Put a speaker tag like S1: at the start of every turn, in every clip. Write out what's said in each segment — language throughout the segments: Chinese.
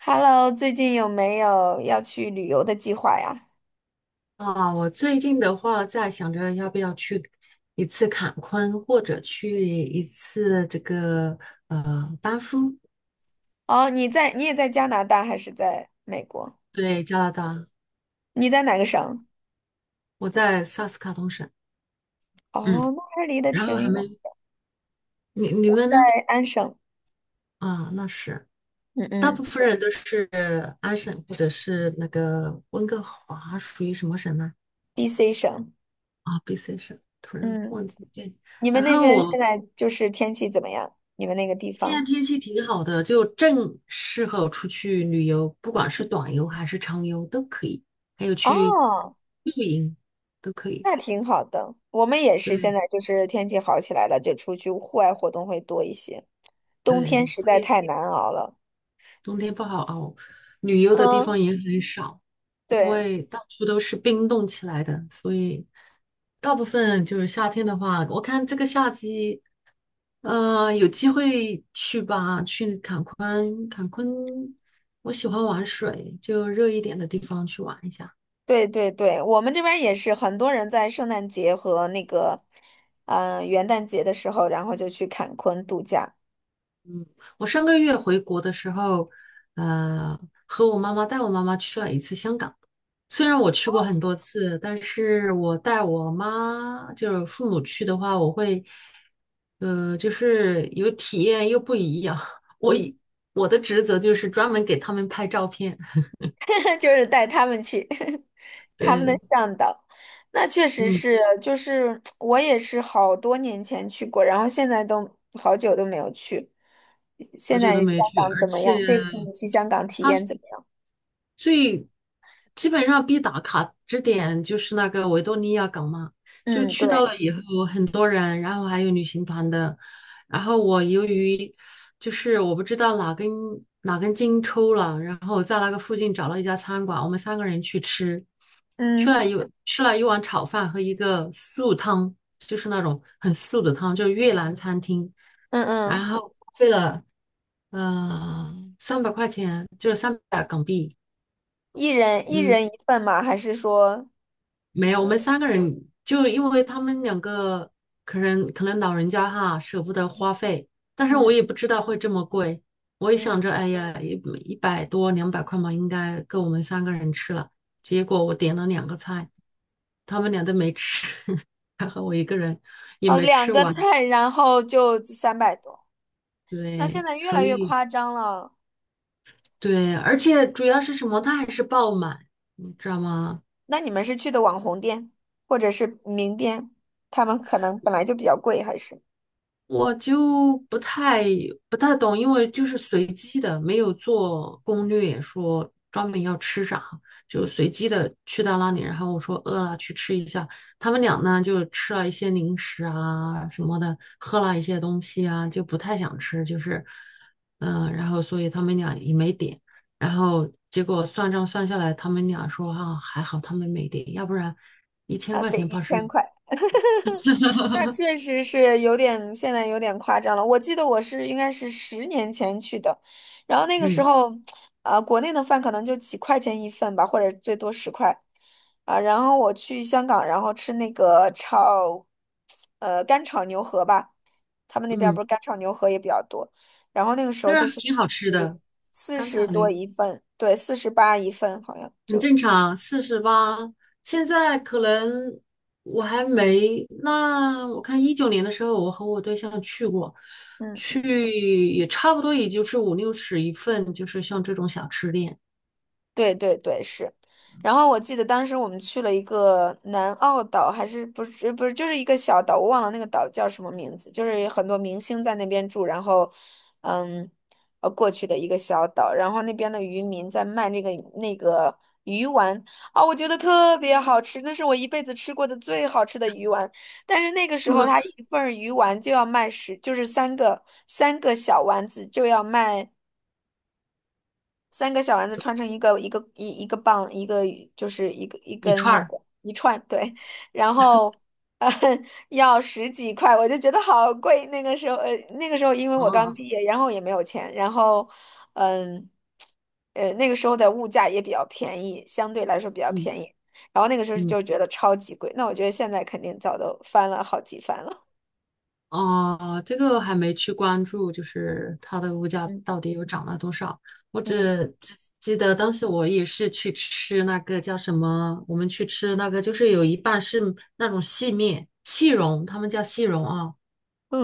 S1: Hello，最近有没有要去旅游的计划呀？
S2: 啊，我最近的话在想着要不要去一次坎昆，或者去一次这个班夫，
S1: 哦，你在，你也在加拿大还是在美国？
S2: 对，加拿大，
S1: 你在哪个省？
S2: 我在萨斯卡通省，嗯，
S1: 哦，那还离得
S2: 然后还
S1: 挺远。
S2: 没你你
S1: 我
S2: 们呢？
S1: 在安省。
S2: 啊，那是
S1: 嗯
S2: 大部
S1: 嗯
S2: 分人都是安省或者是那个温哥华，属于什么省呢？
S1: ，BC 省。
S2: 啊，BC 省，突然
S1: 嗯。
S2: 忘记对，
S1: 你们
S2: 然
S1: 那
S2: 后
S1: 边现
S2: 我
S1: 在就是天气怎么样？你们那个地
S2: 现在
S1: 方？
S2: 天气挺好的，就正适合出去旅游，不管是短游还是长游都可以，还有去
S1: 哦，
S2: 露营都可以。
S1: 那挺好的。我们也是现在
S2: 对
S1: 就是天气好起来了，就出去户外活动会多一些。冬
S2: 对，
S1: 天实在
S2: 会
S1: 太难熬了。
S2: 冬天不好熬，旅游的地方
S1: 嗯，
S2: 也很少，因
S1: 对。
S2: 为到处都是冰冻起来的，所以大部分就是夏天的话，我看这个夏季，有机会去吧，去坎昆，坎昆，我喜欢玩水，就热一点的地方去玩一下。
S1: 对对对，我们这边儿也是很多人在圣诞节和那个，元旦节的时候，然后就去坎昆度假。
S2: 我上个月回国的时候，呃，和我妈妈带我妈妈去了一次香港。虽然我去过很多次，但是我带我妈就是父母去的话，我会，就是有体验又不一样。我以我的职责就是专门给他们拍照片。
S1: 就是带他们去，他们的
S2: 对，
S1: 向导。那确实
S2: 嗯，
S1: 是，就是我也是好多年前去过，然后现在都好久都没有去。
S2: 好
S1: 现
S2: 久都
S1: 在香
S2: 没去，
S1: 港
S2: 而
S1: 怎么
S2: 且。
S1: 样？这次你去香港体验怎么样？
S2: 最基本上必打卡之点就是那个维多利亚港嘛，就
S1: 嗯，
S2: 去到
S1: 对。
S2: 了以后很多人，然后还有旅行团的，然后我由于就是我不知道哪根筋抽了，然后在那个附近找了一家餐馆，我们三个人去吃，吃
S1: 嗯
S2: 了一吃了一碗炒饭和一个素汤，就是那种很素的汤，就是越南餐厅，
S1: 嗯
S2: 然
S1: 嗯，
S2: 后花费了呃300块钱，就是300港币。
S1: 一人一
S2: 嗯，
S1: 人一份吗？还是说，
S2: 没有，我
S1: 嗯
S2: 们三个人就因为他们两个可能老人家哈舍不得花费，但是我
S1: 嗯
S2: 也不知道会这么贵，我也
S1: 嗯。
S2: 想着哎呀100多200块嘛，应该够我们三个人吃了。结果我点了两个菜，他们俩都没吃，还好我一个人也
S1: 哦，
S2: 没
S1: 两
S2: 吃
S1: 个
S2: 完。
S1: 菜，然后就三百多。那现
S2: 对，
S1: 在越来
S2: 所
S1: 越
S2: 以
S1: 夸张了。
S2: 对，而且主要是什么，它还是爆满，你知道吗？
S1: 那你们是去的网红店，或者是名店，他们可能本来就比较贵，还是
S2: 我就不太懂，因为就是随机的，没有做攻略说专门要吃啥，就随机的去到那里，然后我说饿了去吃一下，他们俩呢就吃了一些零食啊什么的，喝了一些东西啊，就不太想吃，就是然后所以他们俩也没点，然后结果算账算下来，他们俩说哈还好他们没点，要不然一千
S1: 啊，
S2: 块
S1: 得
S2: 钱
S1: 一
S2: 怕
S1: 千
S2: 是
S1: 块。那 确实是有点，现在有点夸张了。我记得我是应该是十年前去的，然后那个时
S2: 嗯
S1: 候，国内的饭可能就几块钱一份吧，或者最多十块。啊、然后我去香港，然后吃那个炒，干炒牛河吧，他们那边儿不
S2: 嗯，
S1: 是干炒牛河也比较多，然后那个时候就
S2: 但是
S1: 是
S2: 挺好吃
S1: 十
S2: 的。
S1: 四
S2: 干炒
S1: 十多
S2: 梨
S1: 一份，对，四十八一份好像
S2: 很
S1: 就。
S2: 正常，48。现在可能我还没，那我看19年的时候，我和我对象去过，
S1: 嗯。
S2: 去也差不多，也就是五六十一份，就是像这种小吃店，
S1: 对对对，是。然后我记得当时我们去了一个南澳岛，还是不是，就是一个小岛，我忘了那个岛叫什么名字，就是很多明星在那边住，然后，嗯，过去的一个小岛，然后那边的渔民在卖那个鱼丸啊，我觉得特别好吃，那是我一辈子吃过的最好吃的鱼丸。但是那个时
S2: 什
S1: 候，
S2: 么
S1: 它一份儿鱼丸就要卖十，就是三个小丸子就要卖。三个小丸子穿成一个一个棒，一个就是一个一
S2: 一
S1: 根
S2: 串
S1: 那
S2: 儿，
S1: 个一串，对，然后呃 要十几块，我就觉得好贵。那个时候，那个时候因为我刚
S2: 啊，
S1: 毕业，然后也没有钱，然后嗯那个时候的物价也比较便宜，相对来说比较
S2: 嗯
S1: 便宜，然后那个时候
S2: 嗯。
S1: 就觉得超级贵。那我觉得现在肯定早都翻了好几番了。
S2: 哦，这个还没去关注，就是它的物价
S1: 嗯
S2: 到底又涨了多少？我
S1: 嗯
S2: 只只记得当时我也是去吃那个叫什么，我们去吃那个就是有一半是那种细面、细蓉，他们叫细蓉啊，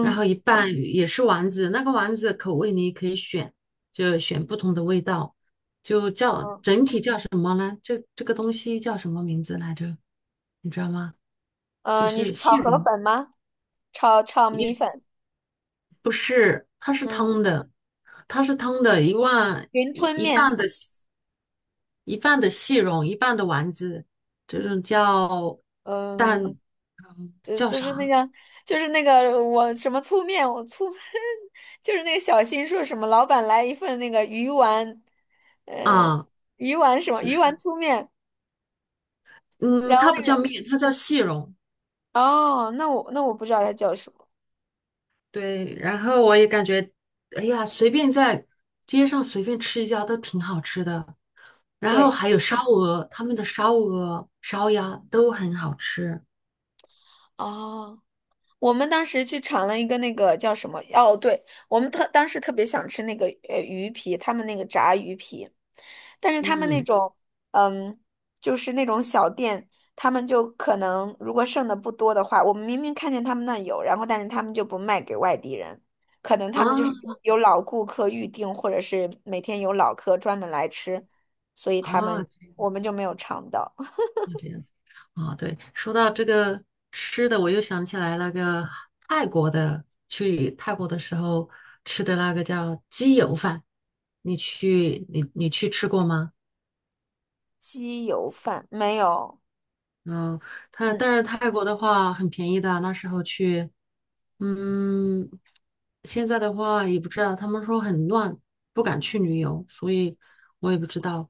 S2: 然后一半也是丸子，那个丸子口味你可以选，就选不同的味道，就叫
S1: 嗯，
S2: 整体这个东西叫什么名字来着？你知道吗？就
S1: 你是
S2: 是
S1: 炒
S2: 细
S1: 河
S2: 蓉。
S1: 粉吗？炒米粉。
S2: 不是，它是
S1: 嗯。
S2: 汤的，一万
S1: 云
S2: 一
S1: 吞面，
S2: 一半的细蓉，一半的丸子，这种叫
S1: 嗯，
S2: 蛋
S1: 就
S2: 叫
S1: 就是那
S2: 啥
S1: 个，就是那个我什么粗面，我粗，就是那个小新说什么老板来一份那个鱼丸，呃，
S2: 啊？
S1: 鱼丸什么
S2: 就
S1: 鱼丸
S2: 是
S1: 粗面，然
S2: 嗯，
S1: 后
S2: 它
S1: 那
S2: 不叫
S1: 个
S2: 面，它叫细蓉。
S1: 哦，那我那我不知道它叫什么，
S2: 对，然后我也感觉，哎呀，随便在街上随便吃一家都挺好吃的。然后
S1: 对，
S2: 还有烧鹅，他们的烧鹅、烧鸭都很好吃。
S1: 哦。我们当时去尝了一个那个叫什么？哦，对，我们特当时特别想吃那个鱼皮，他们那个炸鱼皮，但是他们那
S2: 嗯
S1: 种嗯，就是那种小店，他们就可能如果剩的不多的话，我们明明看见他们那有，然后但是他们就不卖给外地人，可能
S2: 啊
S1: 他们就是有老顾客预定，或者是每天有老客专门来吃，所以他们
S2: 啊，
S1: 我们就没有尝到。
S2: 那这样子啊，对，说到这个吃的，我又想起来那个泰国的，去泰国的时候吃的那个叫鸡油饭，你去吃过吗？
S1: 鸡油饭，没有。
S2: 嗯，它
S1: 嗯，
S2: 但是泰国的话很便宜的，那时候去，嗯，现在的话也不知道，他们说很乱，不敢去旅游，所以我也不知道，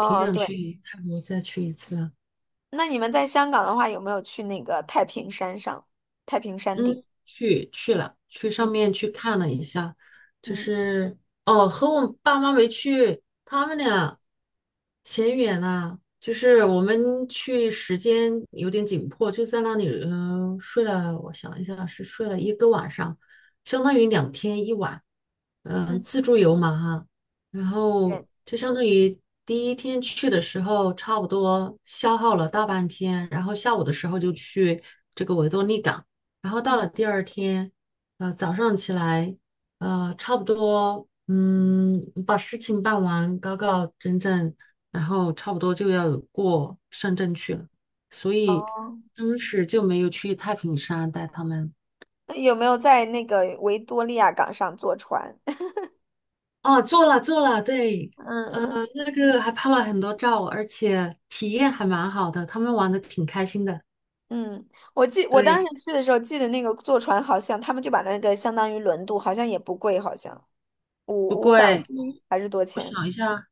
S2: 挺想
S1: 对。
S2: 去泰国再去一次的。
S1: 那你们在香港的话，有没有去那个太平山上？太平山顶？
S2: 嗯，去了，去上面
S1: 嗯
S2: 去看了一下，就
S1: 嗯
S2: 是哦，和我爸妈没去，他们俩嫌远了，就是我们去时间有点紧迫，就在那里，睡了，我想一下，是睡了一个晚上，相当于2天1晚，
S1: 嗯，
S2: 自助游嘛哈，然后
S1: 对，
S2: 就相当于第一天去的时候，差不多消耗了大半天，然后下午的时候就去这个维多利港。然后到了
S1: 嗯。
S2: 第二天，早上起来，差不多，把事情办完，搞搞整整，然后差不多就要过深圳去了，所以
S1: 哦，
S2: 当时就没有去太平山带他们。
S1: 那有没有在那个维多利亚港上坐船？
S2: 哦，做了做了，对，
S1: 嗯嗯
S2: 那个还拍了很多照，而且体验还蛮好的，他们玩的挺开心的。
S1: 嗯，我记我当
S2: 对，
S1: 时去的时候，记得那个坐船好像他们就把那个相当于轮渡，好像也不贵，好像五
S2: 不
S1: 五港
S2: 贵，
S1: 币还是多
S2: 我
S1: 钱？
S2: 想一下，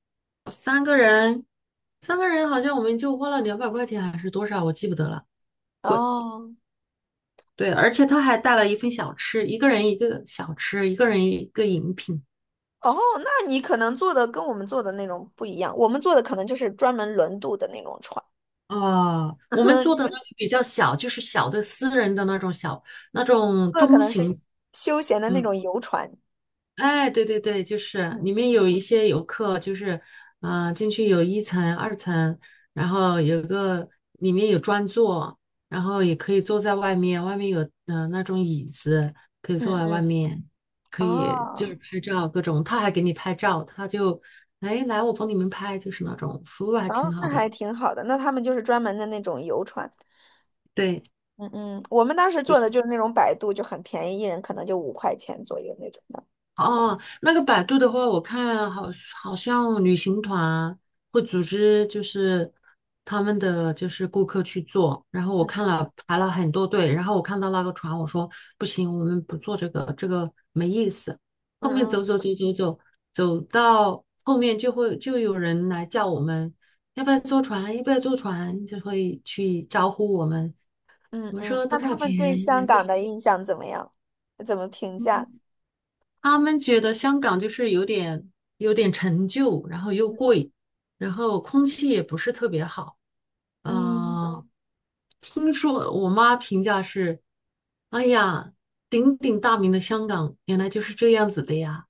S2: 嗯，三个人好像我们就花了200块钱还是多少，我记不得了。
S1: 哦
S2: 对，而且他还带了一份小吃，一个人一个小吃，一个人一个饮品。
S1: 哦，那你可能坐的跟我们坐的那种不一样，我们坐的可能就是专门轮渡的那种船。
S2: 啊，我们 做
S1: 你
S2: 的那
S1: 们
S2: 个比较小，就是小的私人的那种
S1: 说的可
S2: 中
S1: 能是
S2: 型，
S1: 休闲的那
S2: 嗯，
S1: 种游船。
S2: 哎，对对对，就是里面
S1: 嗯
S2: 有一些游客，就是，进去有一层、二层，然后里面有专座，然后也可以坐在外面，外面有那种椅子，可以坐
S1: 嗯
S2: 在外
S1: 嗯，
S2: 面，可以就是
S1: 哦，
S2: 拍照各种，他还给你拍照，他就，哎，来我帮你们拍，就是那种服务还
S1: 哦，
S2: 挺好
S1: 那还
S2: 的，
S1: 挺好的。那他们就是专门的那种游船。
S2: 对，
S1: 嗯嗯，我们当时
S2: 不
S1: 坐的
S2: 是。
S1: 就是那种摆渡，就很便宜，一人可能就五块钱左右那种的。
S2: 哦，那个百度的话，我看好像旅行团会组织，就是他们的就是顾客去做。然后我看
S1: 嗯
S2: 了排了很多队，然后我看到那个船，我说不行，我们不坐这个，这个没意思。
S1: 嗯
S2: 后面
S1: 嗯
S2: 走走走走走，走到后面就有人来叫我们，要不要坐船？要不要坐船？就会去招呼我们。
S1: 嗯
S2: 我们
S1: 嗯，
S2: 说多
S1: 那
S2: 少
S1: 他
S2: 钱？
S1: 们对香港的印象怎么样？怎么评价？
S2: 他们觉得香港就是有点陈旧，然后又贵，然后空气也不是特别好。
S1: 嗯，
S2: 呃，听说我妈评价是，哎呀，鼎鼎大名的香港原来就是这样子的呀。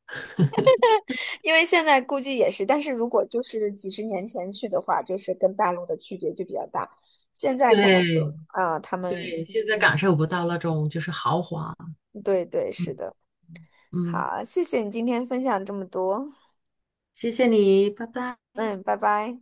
S1: 因为现在估计也是，但是如果就是几十年前去的话，就是跟大陆的区别就比较大。现在可能
S2: 对
S1: 就啊，他们
S2: 对，现在感
S1: 嗯，
S2: 受不到那种就是豪华。
S1: 对对，是的。
S2: 嗯，
S1: 好，谢谢你今天分享这么多。
S2: 谢谢你，拜拜。
S1: 嗯，拜拜。